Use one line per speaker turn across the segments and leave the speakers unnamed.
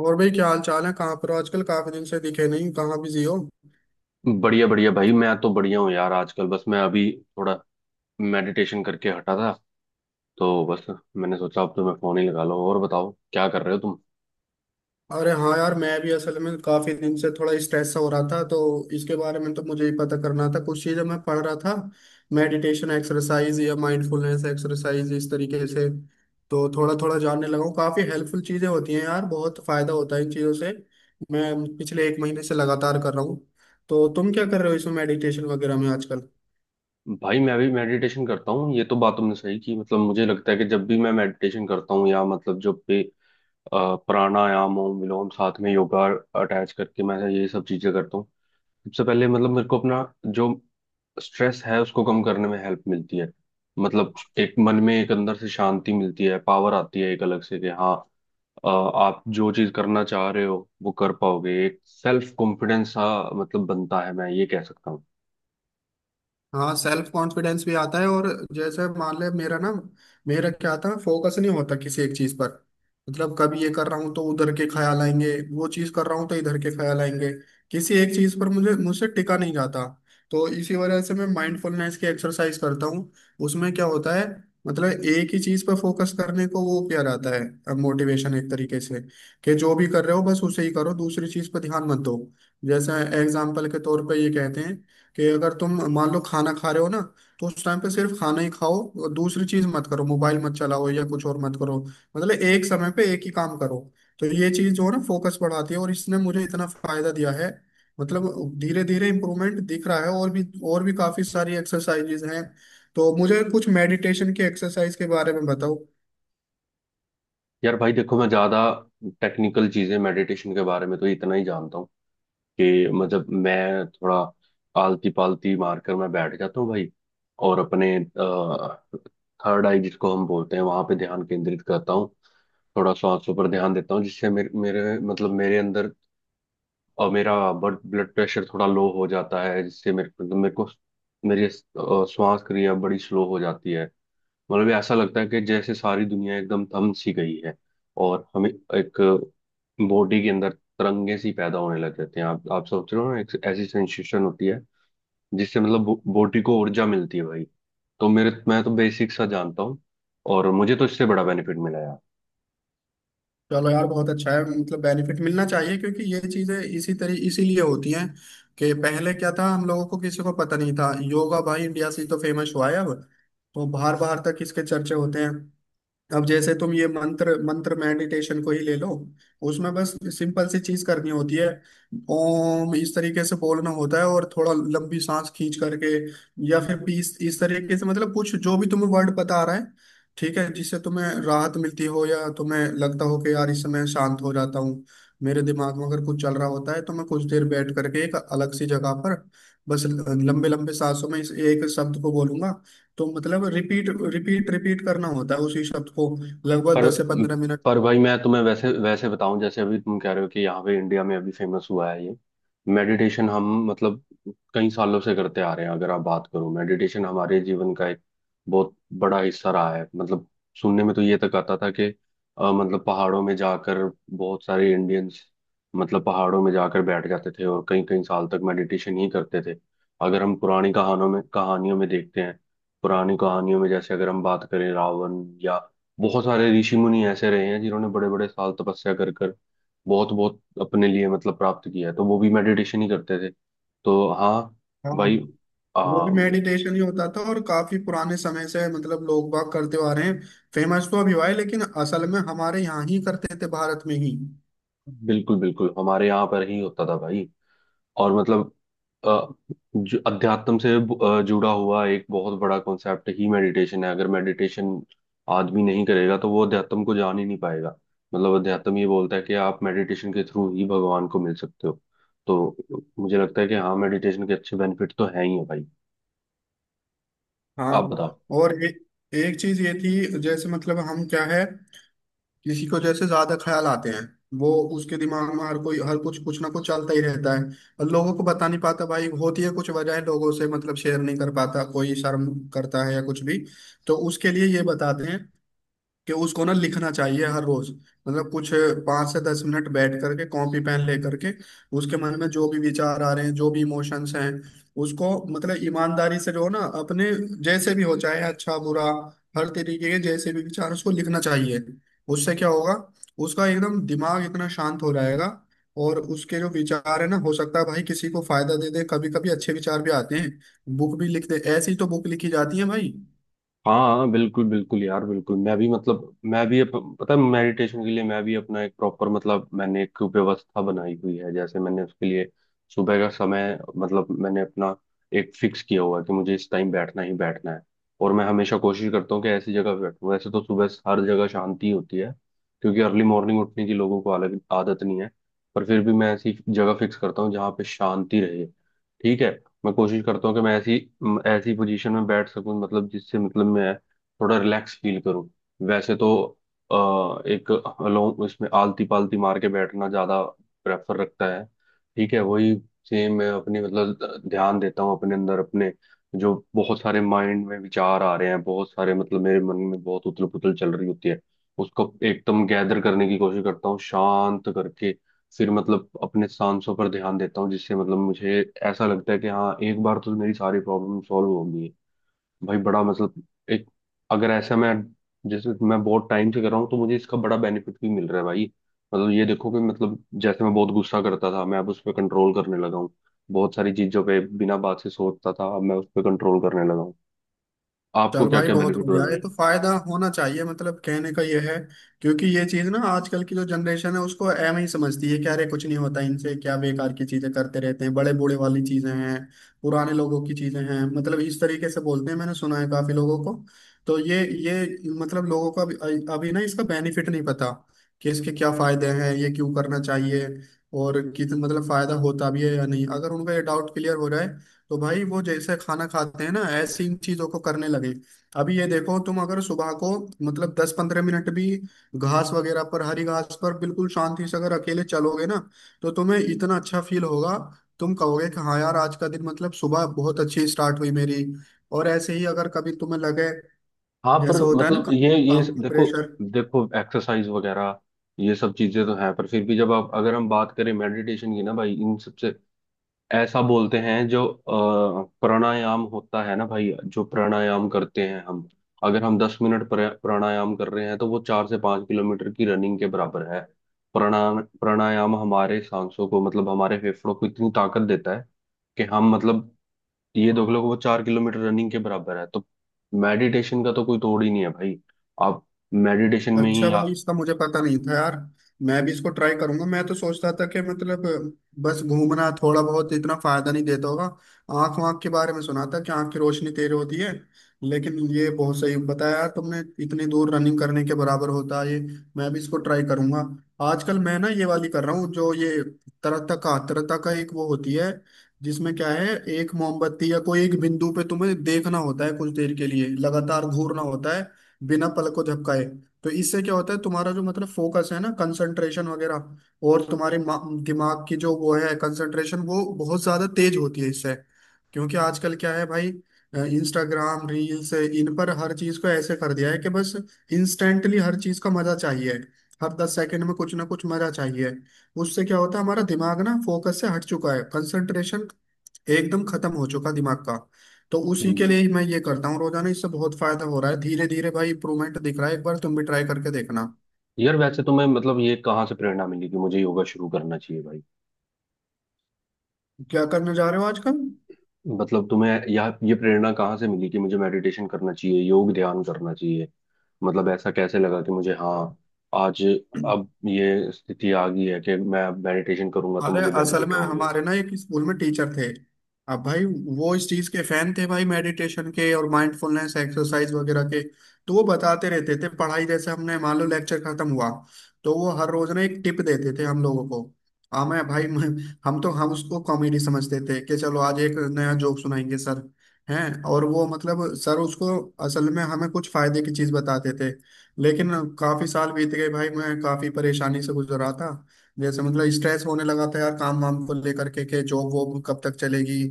और भाई क्या हाल चाल है? कहाँ पर हो आजकल? काफी दिन से दिखे नहीं, कहाँ बिजी हो?
बढ़िया बढ़िया भाई, मैं तो बढ़िया हूँ यार। आजकल बस मैं अभी थोड़ा मेडिटेशन करके हटा था। तो बस मैंने सोचा अब तो मैं फोन ही लगा लो और बताओ क्या कर रहे हो तुम।
अरे हाँ यार, मैं भी असल में काफी दिन से थोड़ा स्ट्रेस हो रहा था, तो इसके बारे में तो मुझे ही पता करना था। कुछ चीजें मैं पढ़ रहा था, मेडिटेशन एक्सरसाइज या माइंडफुलनेस एक्सरसाइज, इस तरीके से। तो थोड़ा थोड़ा जानने लगा हूँ। काफी हेल्पफुल चीजें होती हैं यार, बहुत फायदा होता है इन चीजों से। मैं पिछले एक महीने से लगातार कर रहा हूँ। तो तुम क्या कर रहे हो इसमें मेडिटेशन वगैरह में आजकल?
भाई मैं भी मेडिटेशन करता हूँ, ये तो बात तुमने सही की। मतलब मुझे लगता है कि जब भी मैं मेडिटेशन करता हूँ या मतलब जब भी प्राणायाम हो, विलोम, साथ में योगा अटैच करके मैं ये सब चीजें करता हूँ। सबसे पहले मतलब मेरे को अपना जो स्ट्रेस है उसको कम करने में हेल्प मिलती है। मतलब एक मन में, एक अंदर से शांति मिलती है, पावर आती है एक अलग से कि हाँ, आप जो चीज करना चाह रहे हो वो कर पाओगे। एक सेल्फ कॉन्फिडेंस सा मतलब बनता है, मैं ये कह सकता हूँ।
हाँ, सेल्फ कॉन्फिडेंस भी आता है। और जैसे मान ले, मेरा ना, मेरा क्या था, फोकस नहीं होता किसी एक चीज पर। मतलब कभी ये कर रहा हूँ तो उधर के ख्याल आएंगे, वो चीज कर रहा हूँ तो इधर के ख्याल आएंगे। किसी एक चीज पर मुझे मुझसे टिका नहीं जाता। तो इसी वजह से मैं माइंडफुलनेस की एक्सरसाइज करता हूँ। उसमें क्या होता है, मतलब एक ही चीज पर फोकस करने को वो किया जाता है, मोटिवेशन एक तरीके से कि जो भी कर रहे हो बस उसे ही करो, दूसरी चीज पर ध्यान मत दो। जैसे एग्जाम्पल के तौर पर ये कहते हैं कि अगर तुम मान लो खाना खा रहे हो ना, तो उस टाइम पे सिर्फ खाना ही खाओ और दूसरी चीज मत करो। मोबाइल मत चलाओ या कुछ और मत करो, मतलब एक समय पे एक ही काम करो। तो ये चीज जो है ना, फोकस बढ़ाती है, और इसने मुझे इतना फायदा दिया है। मतलब धीरे धीरे इम्प्रूवमेंट दिख रहा है, और भी, और भी काफी सारी एक्सरसाइजेज हैं। तो मुझे कुछ मेडिटेशन की एक्सरसाइज के बारे में बताओ।
यार भाई देखो, मैं ज्यादा टेक्निकल चीजें मेडिटेशन के बारे में तो इतना ही जानता हूँ कि मतलब मैं थोड़ा आलती पालती मारकर मैं बैठ जाता हूँ भाई, और अपने थर्ड आई जिसको हम बोलते हैं वहां पे ध्यान केंद्रित करता हूँ। थोड़ा सांसों पर ध्यान देता हूँ जिससे मेरे मेरे मतलब मेरे अंदर और मेरा ब्लड ब्लड प्रेशर थोड़ा लो हो जाता है, जिससे मेरे को मेरी श्वास क्रिया बड़ी स्लो हो जाती है। मतलब ये ऐसा लगता है कि जैसे सारी दुनिया एकदम थम सी गई है, और हमें एक बॉडी के अंदर तरंगे सी पैदा होने लग जाते हैं। आप सोच रहे हो ना, एक ऐसी सेंसेशन होती है जिससे मतलब बॉडी को ऊर्जा मिलती है भाई। तो मेरे, मैं तो बेसिक सा जानता हूँ, और मुझे तो इससे बड़ा बेनिफिट मिला।
चलो यार, बहुत अच्छा है। मतलब बेनिफिट मिलना चाहिए, क्योंकि ये चीजें इसी तरह इसीलिए होती हैं। कि पहले क्या था, हम लोगों को किसी को पता नहीं था। योगा भाई इंडिया से ही तो फेमस हुआ है। अब तो बाहर बाहर तक इसके चर्चे होते हैं। अब जैसे तुम ये मंत्र मंत्र मेडिटेशन को ही ले लो। उसमें बस सिंपल सी चीज करनी होती है। ओम इस तरीके से बोलना होता है और थोड़ा लंबी सांस खींच करके, या फिर बीस इस तरीके से, मतलब कुछ जो भी तुम्हें वर्ड बता रहा है, ठीक है, जिससे तुम्हें राहत मिलती हो या तुम्हें लगता हो कि यार इस समय शांत हो जाता हूँ। मेरे दिमाग में अगर कुछ चल रहा होता है, तो मैं कुछ देर बैठ करके एक अलग सी जगह पर बस लंबे लंबे सांसों में इस एक शब्द को बोलूंगा। तो मतलब रिपीट रिपीट रिपीट करना होता है उसी शब्द को, लगभग
पर
10 से 15 मिनट।
पर भाई मैं तुम्हें वैसे वैसे बताऊं, जैसे अभी तुम कह रहे हो कि यहाँ पे इंडिया में अभी फेमस हुआ है ये मेडिटेशन। हम मतलब कई सालों से करते आ रहे हैं। अगर आप बात करो, मेडिटेशन हमारे जीवन का एक बहुत बड़ा हिस्सा रहा है। मतलब सुनने में तो ये तक आता था कि मतलब पहाड़ों में जाकर बहुत सारे इंडियंस मतलब पहाड़ों में जाकर बैठ जाते थे और कई कई साल तक मेडिटेशन ही करते थे। अगर हम पुरानी कहानों में कहानियों में देखते हैं, पुरानी कहानियों में जैसे अगर हम बात करें रावण या बहुत सारे ऋषि मुनि ऐसे रहे हैं जिन्होंने बड़े बड़े साल तपस्या कर कर बहुत बहुत अपने लिए मतलब प्राप्त किया है, तो वो भी मेडिटेशन ही करते थे। तो हाँ
हाँ,
भाई।
वो
आ,
भी मेडिटेशन ही होता था, और काफी पुराने समय से मतलब लोग बाग करते आ रहे हैं। फेमस तो अभी हुआ है, लेकिन असल में हमारे यहाँ ही करते थे, भारत में ही।
बिल्कुल बिल्कुल हमारे यहाँ पर ही होता था भाई। और मतलब अ, जो अध्यात्म से जुड़ा हुआ एक बहुत बड़ा कॉन्सेप्ट ही मेडिटेशन है। अगर मेडिटेशन आदमी नहीं करेगा तो वो अध्यात्म को जान ही नहीं पाएगा। मतलब अध्यात्म ये बोलता है कि आप मेडिटेशन के थ्रू ही भगवान को मिल सकते हो। तो मुझे लगता है कि हाँ, मेडिटेशन के अच्छे बेनिफिट तो हैं ही है भाई। आप
हाँ।
बताओ।
और एक चीज ये थी, जैसे मतलब हम क्या है, किसी को जैसे ज्यादा ख्याल आते हैं, वो, उसके दिमाग में हर कोई हर कुछ कुछ ना कुछ चलता ही रहता है, और लोगों को बता नहीं पाता भाई। होती है कुछ वजह, लोगों से मतलब शेयर नहीं कर पाता, कोई शर्म करता है या कुछ भी। तो उसके लिए ये बताते हैं कि उसको ना लिखना चाहिए हर रोज। मतलब कुछ 5 से 10 मिनट बैठ करके, कॉपी पेन ले करके, उसके मन में जो भी विचार आ रहे हैं, जो भी इमोशंस हैं, उसको मतलब ईमानदारी से जो है ना अपने, जैसे भी हो चाहे अच्छा बुरा, हर तरीके के जैसे भी विचार, उसको लिखना चाहिए। उससे क्या होगा, उसका एकदम दिमाग इतना शांत हो जाएगा। और उसके जो विचार है ना, हो सकता है भाई किसी को फायदा दे दे। कभी कभी अच्छे विचार भी आते हैं, बुक भी लिख दे, ऐसी तो बुक लिखी जाती है भाई।
हाँ हाँ बिल्कुल बिल्कुल यार, बिल्कुल। मैं भी मतलब मैं भी पता है मेडिटेशन के लिए मैं भी अपना एक प्रॉपर मतलब मैंने एक व्यवस्था बनाई हुई है। जैसे मैंने उसके लिए सुबह का समय मतलब मैंने अपना एक फिक्स किया हुआ है कि मुझे इस टाइम बैठना ही बैठना है। और मैं हमेशा कोशिश करता हूँ कि ऐसी जगह पे बैठूँ। वैसे तो सुबह हर जगह शांति होती है, क्योंकि अर्ली मॉर्निंग उठने की लोगों को अलग आदत नहीं है। पर फिर भी मैं ऐसी जगह फिक्स करता हूँ जहाँ पे शांति रहे। ठीक है, मैं कोशिश करता हूँ कि मैं ऐसी ऐसी पोजीशन में बैठ सकूं मतलब, जिससे मतलब मैं थोड़ा रिलैक्स फील करूँ। वैसे तो एक अलोंग इसमें आलती पालती मार के बैठना ज़्यादा प्रेफर रखता है। ठीक है, वही सेम मैं अपनी मतलब ध्यान देता हूँ अपने अंदर। अपने जो बहुत सारे माइंड में विचार आ रहे हैं, बहुत सारे मतलब मेरे मन में बहुत उथल पुथल चल रही होती है, उसको एकदम गैदर करने की कोशिश करता हूँ शांत करके। फिर मतलब अपने सांसों पर ध्यान देता हूँ, जिससे मतलब मुझे ऐसा लगता है कि हाँ, एक बार तो मेरी सारी प्रॉब्लम सॉल्व होगी भाई। बड़ा मतलब एक, अगर ऐसा मैं, जैसे मैं बहुत टाइम से कर रहा हूँ तो मुझे इसका बड़ा बेनिफिट भी मिल रहा है भाई। मतलब ये देखो कि मतलब जैसे मैं बहुत गुस्सा करता था, मैं अब उस पर कंट्रोल करने लगा हूँ। बहुत सारी चीजों पे बिना बात से सोचता था, अब मैं उस पर कंट्रोल करने लगा हूँ। आपको
चल
क्या
भाई,
क्या
बहुत
बेनिफिट हुआ है
बढ़िया। ये
भाई?
तो फायदा होना चाहिए, मतलब कहने का ये है। क्योंकि ये चीज ना, आजकल की जो जनरेशन है उसको एम ही समझती है क्या। अरे कुछ नहीं होता इनसे, क्या बेकार की चीजें करते रहते हैं, बड़े बूढ़े वाली चीजें हैं, पुराने लोगों की चीजें हैं, मतलब इस तरीके से बोलते हैं। मैंने सुना है काफी लोगों को। तो ये मतलब लोगों को अभी ना इसका बेनिफिट नहीं पता, कि इसके क्या फायदे हैं, ये क्यों करना चाहिए, और कितना मतलब फायदा होता भी है या नहीं। अगर उनका ये डाउट क्लियर हो जाए, तो भाई वो जैसे खाना खाते हैं ना, ऐसी इन चीजों को करने लगे। अभी ये देखो, तुम अगर सुबह को मतलब 10 15 मिनट भी घास वगैरह पर, हरी घास पर बिल्कुल शांति से अगर अकेले चलोगे ना, तो तुम्हें इतना अच्छा फील होगा। तुम कहोगे कि हाँ यार, आज का दिन मतलब सुबह बहुत अच्छी स्टार्ट हुई मेरी। और ऐसे ही अगर कभी तुम्हें लगे,
हाँ पर
जैसे होता है ना,
मतलब
काम,
ये
काम का
देखो,
प्रेशर।
देखो एक्सरसाइज वगैरह ये सब चीजें तो हैं, पर फिर भी जब आप, अगर हम बात करें मेडिटेशन की ना भाई, इन सबसे ऐसा बोलते हैं। जो प्राणायाम होता है ना भाई, जो प्राणायाम करते हैं हम, अगर हम दस मिनट प्राणायाम कर रहे हैं तो वो चार से पांच किलोमीटर की रनिंग के बराबर है। प्राणायाम प्राणायाम हमारे सांसों को मतलब हमारे फेफड़ों को इतनी ताकत देता है कि हम मतलब, ये देख लो कि वो चार किलोमीटर रनिंग के बराबर है। तो मेडिटेशन का तो कोई तोड़ ही नहीं है भाई। आप मेडिटेशन में
अच्छा
ही आ...
भाई, इसका मुझे पता नहीं था यार। मैं भी इसको ट्राई करूंगा। मैं तो सोचता था कि मतलब बस घूमना थोड़ा बहुत, इतना फायदा नहीं देता होगा। आंख वाँख के बारे में सुना था कि आंख की रोशनी तेज होती है, लेकिन ये बहुत सही बताया यार तुमने, इतनी दूर रनिंग करने के बराबर होता है ये। मैं भी इसको ट्राई करूंगा। आजकल मैं ना ये वाली कर रहा हूँ, जो ये तरता का एक वो होती है, जिसमें क्या है, एक मोमबत्ती या कोई एक बिंदु पे तुम्हें देखना होता है कुछ देर के लिए, लगातार घूरना होता है बिना पलक को झपकाए। तो इससे क्या होता है, तुम्हारा जो मतलब फोकस है ना, कंसंट्रेशन वगैरह, और तुम्हारे दिमाग की जो वो है कंसंट्रेशन, वो बहुत ज्यादा तेज होती है इससे। क्योंकि आजकल क्या है भाई, इंस्टाग्राम रील्स इन पर हर चीज को ऐसे कर दिया है कि बस इंस्टेंटली हर चीज का मजा चाहिए, हर 10 सेकंड में कुछ ना कुछ मजा चाहिए। उससे क्या होता है, हमारा दिमाग ना फोकस से हट चुका है, कंसंट्रेशन एकदम खत्म हो चुका दिमाग का। तो उसी के लिए
हम्म।
ही मैं ये करता हूँ रोजाना। इससे बहुत फायदा हो रहा है, धीरे धीरे भाई इंप्रूवमेंट दिख रहा है, एक बार तुम भी ट्राई करके देखना।
यार वैसे तुम्हें मतलब ये कहाँ से प्रेरणा मिली कि मुझे योगा शुरू करना चाहिए भाई?
क्या करने जा रहे हो आजकल?
मतलब तुम्हें या ये प्रेरणा कहाँ से मिली कि मुझे मेडिटेशन करना चाहिए, योग ध्यान करना चाहिए? मतलब ऐसा कैसे लगा कि मुझे हाँ, आज अब ये स्थिति आ गई है कि मैं मेडिटेशन करूंगा तो
अरे
मुझे
असल
बेनिफिट
में,
होंगे?
हमारे ना एक स्कूल में टीचर थे, अब भाई, वो इस चीज के फैन थे भाई, मेडिटेशन के और माइंडफुलनेस एक्सरसाइज वगैरह के। तो वो बताते रहते थे पढ़ाई, जैसे हमने मान लो लेक्चर खत्म हुआ, तो वो हर रोज ना एक टिप देते थे हम लोगों को। हाँ मैं भाई हम उसको कॉमेडी समझते थे, कि चलो आज एक नया जोक सुनाएंगे सर हैं। और वो मतलब सर उसको असल में हमें कुछ फायदे की चीज बताते थे। लेकिन काफी साल बीत गए भाई, मैं काफी परेशानी से गुजर रहा था। जैसे मतलब स्ट्रेस होने लगा था यार, काम वाम को लेकर के जॉब वॉब कब तक चलेगी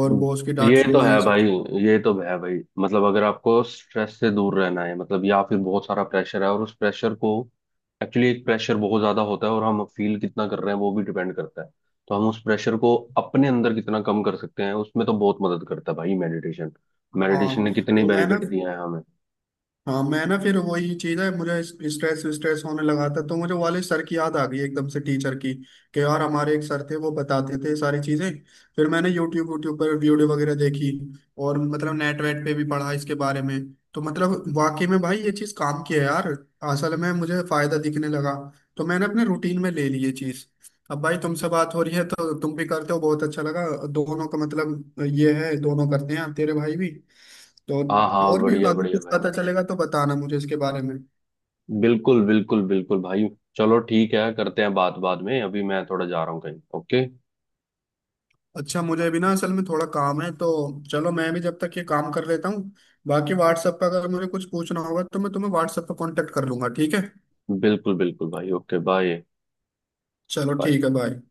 और बॉस की डांट
ये तो
सुनना, ये
है
सब।
भाई। ये तो है भाई, मतलब अगर आपको स्ट्रेस से दूर रहना है मतलब, या फिर बहुत सारा प्रेशर है और उस प्रेशर को एक्चुअली, एक प्रेशर बहुत ज्यादा होता है और हम फील कितना कर रहे हैं वो भी डिपेंड करता है। तो हम उस प्रेशर को अपने अंदर कितना कम कर सकते हैं, उसमें तो बहुत मदद करता है भाई मेडिटेशन। मेडिटेशन ने
हाँ,
कितने
तो मैं ना,
बेनिफिट दिए हैं हमें।
हाँ मैं ना, फिर वही चीज है, मुझे स्ट्रेस स्ट्रेस होने लगा था, तो मुझे वाले सर की याद आ गई एकदम से, टीचर की। कि यार हमारे एक सर थे, वो बताते थे सारी चीजें। फिर मैंने यूट्यूब यूट्यूब पर वीडियो वगैरह देखी, और मतलब नेट वेट पे भी पढ़ा इसके बारे में। तो मतलब वाकई में भाई, ये चीज काम की है यार। असल में मुझे फायदा दिखने लगा, तो मैंने अपने रूटीन में ले ली ये चीज। अब भाई तुमसे बात हो रही है तो तुम भी करते हो, बहुत अच्छा लगा। दोनों का मतलब ये है, दोनों करते हैं तेरे भाई भी।
हाँ
तो
हाँ
और भी
बढ़िया
काफी
बढ़िया
कुछ
भाई।
पता चलेगा तो बताना मुझे इसके बारे में।
बिल्कुल बिल्कुल बिल्कुल भाई। चलो ठीक है, करते हैं बात बाद में, अभी मैं थोड़ा जा रहा हूँ कहीं। ओके।
अच्छा, मुझे भी ना असल में थोड़ा काम है, तो चलो मैं भी जब तक ये काम कर लेता हूँ। बाकी व्हाट्सएप पर अगर मुझे कुछ पूछना होगा, तो मैं तुम्हें व्हाट्सएप पर कांटेक्ट कर लूंगा, ठीक है?
बिल्कुल बिल्कुल भाई, ओके बाय।
चलो
बाय।
ठीक है, बाय।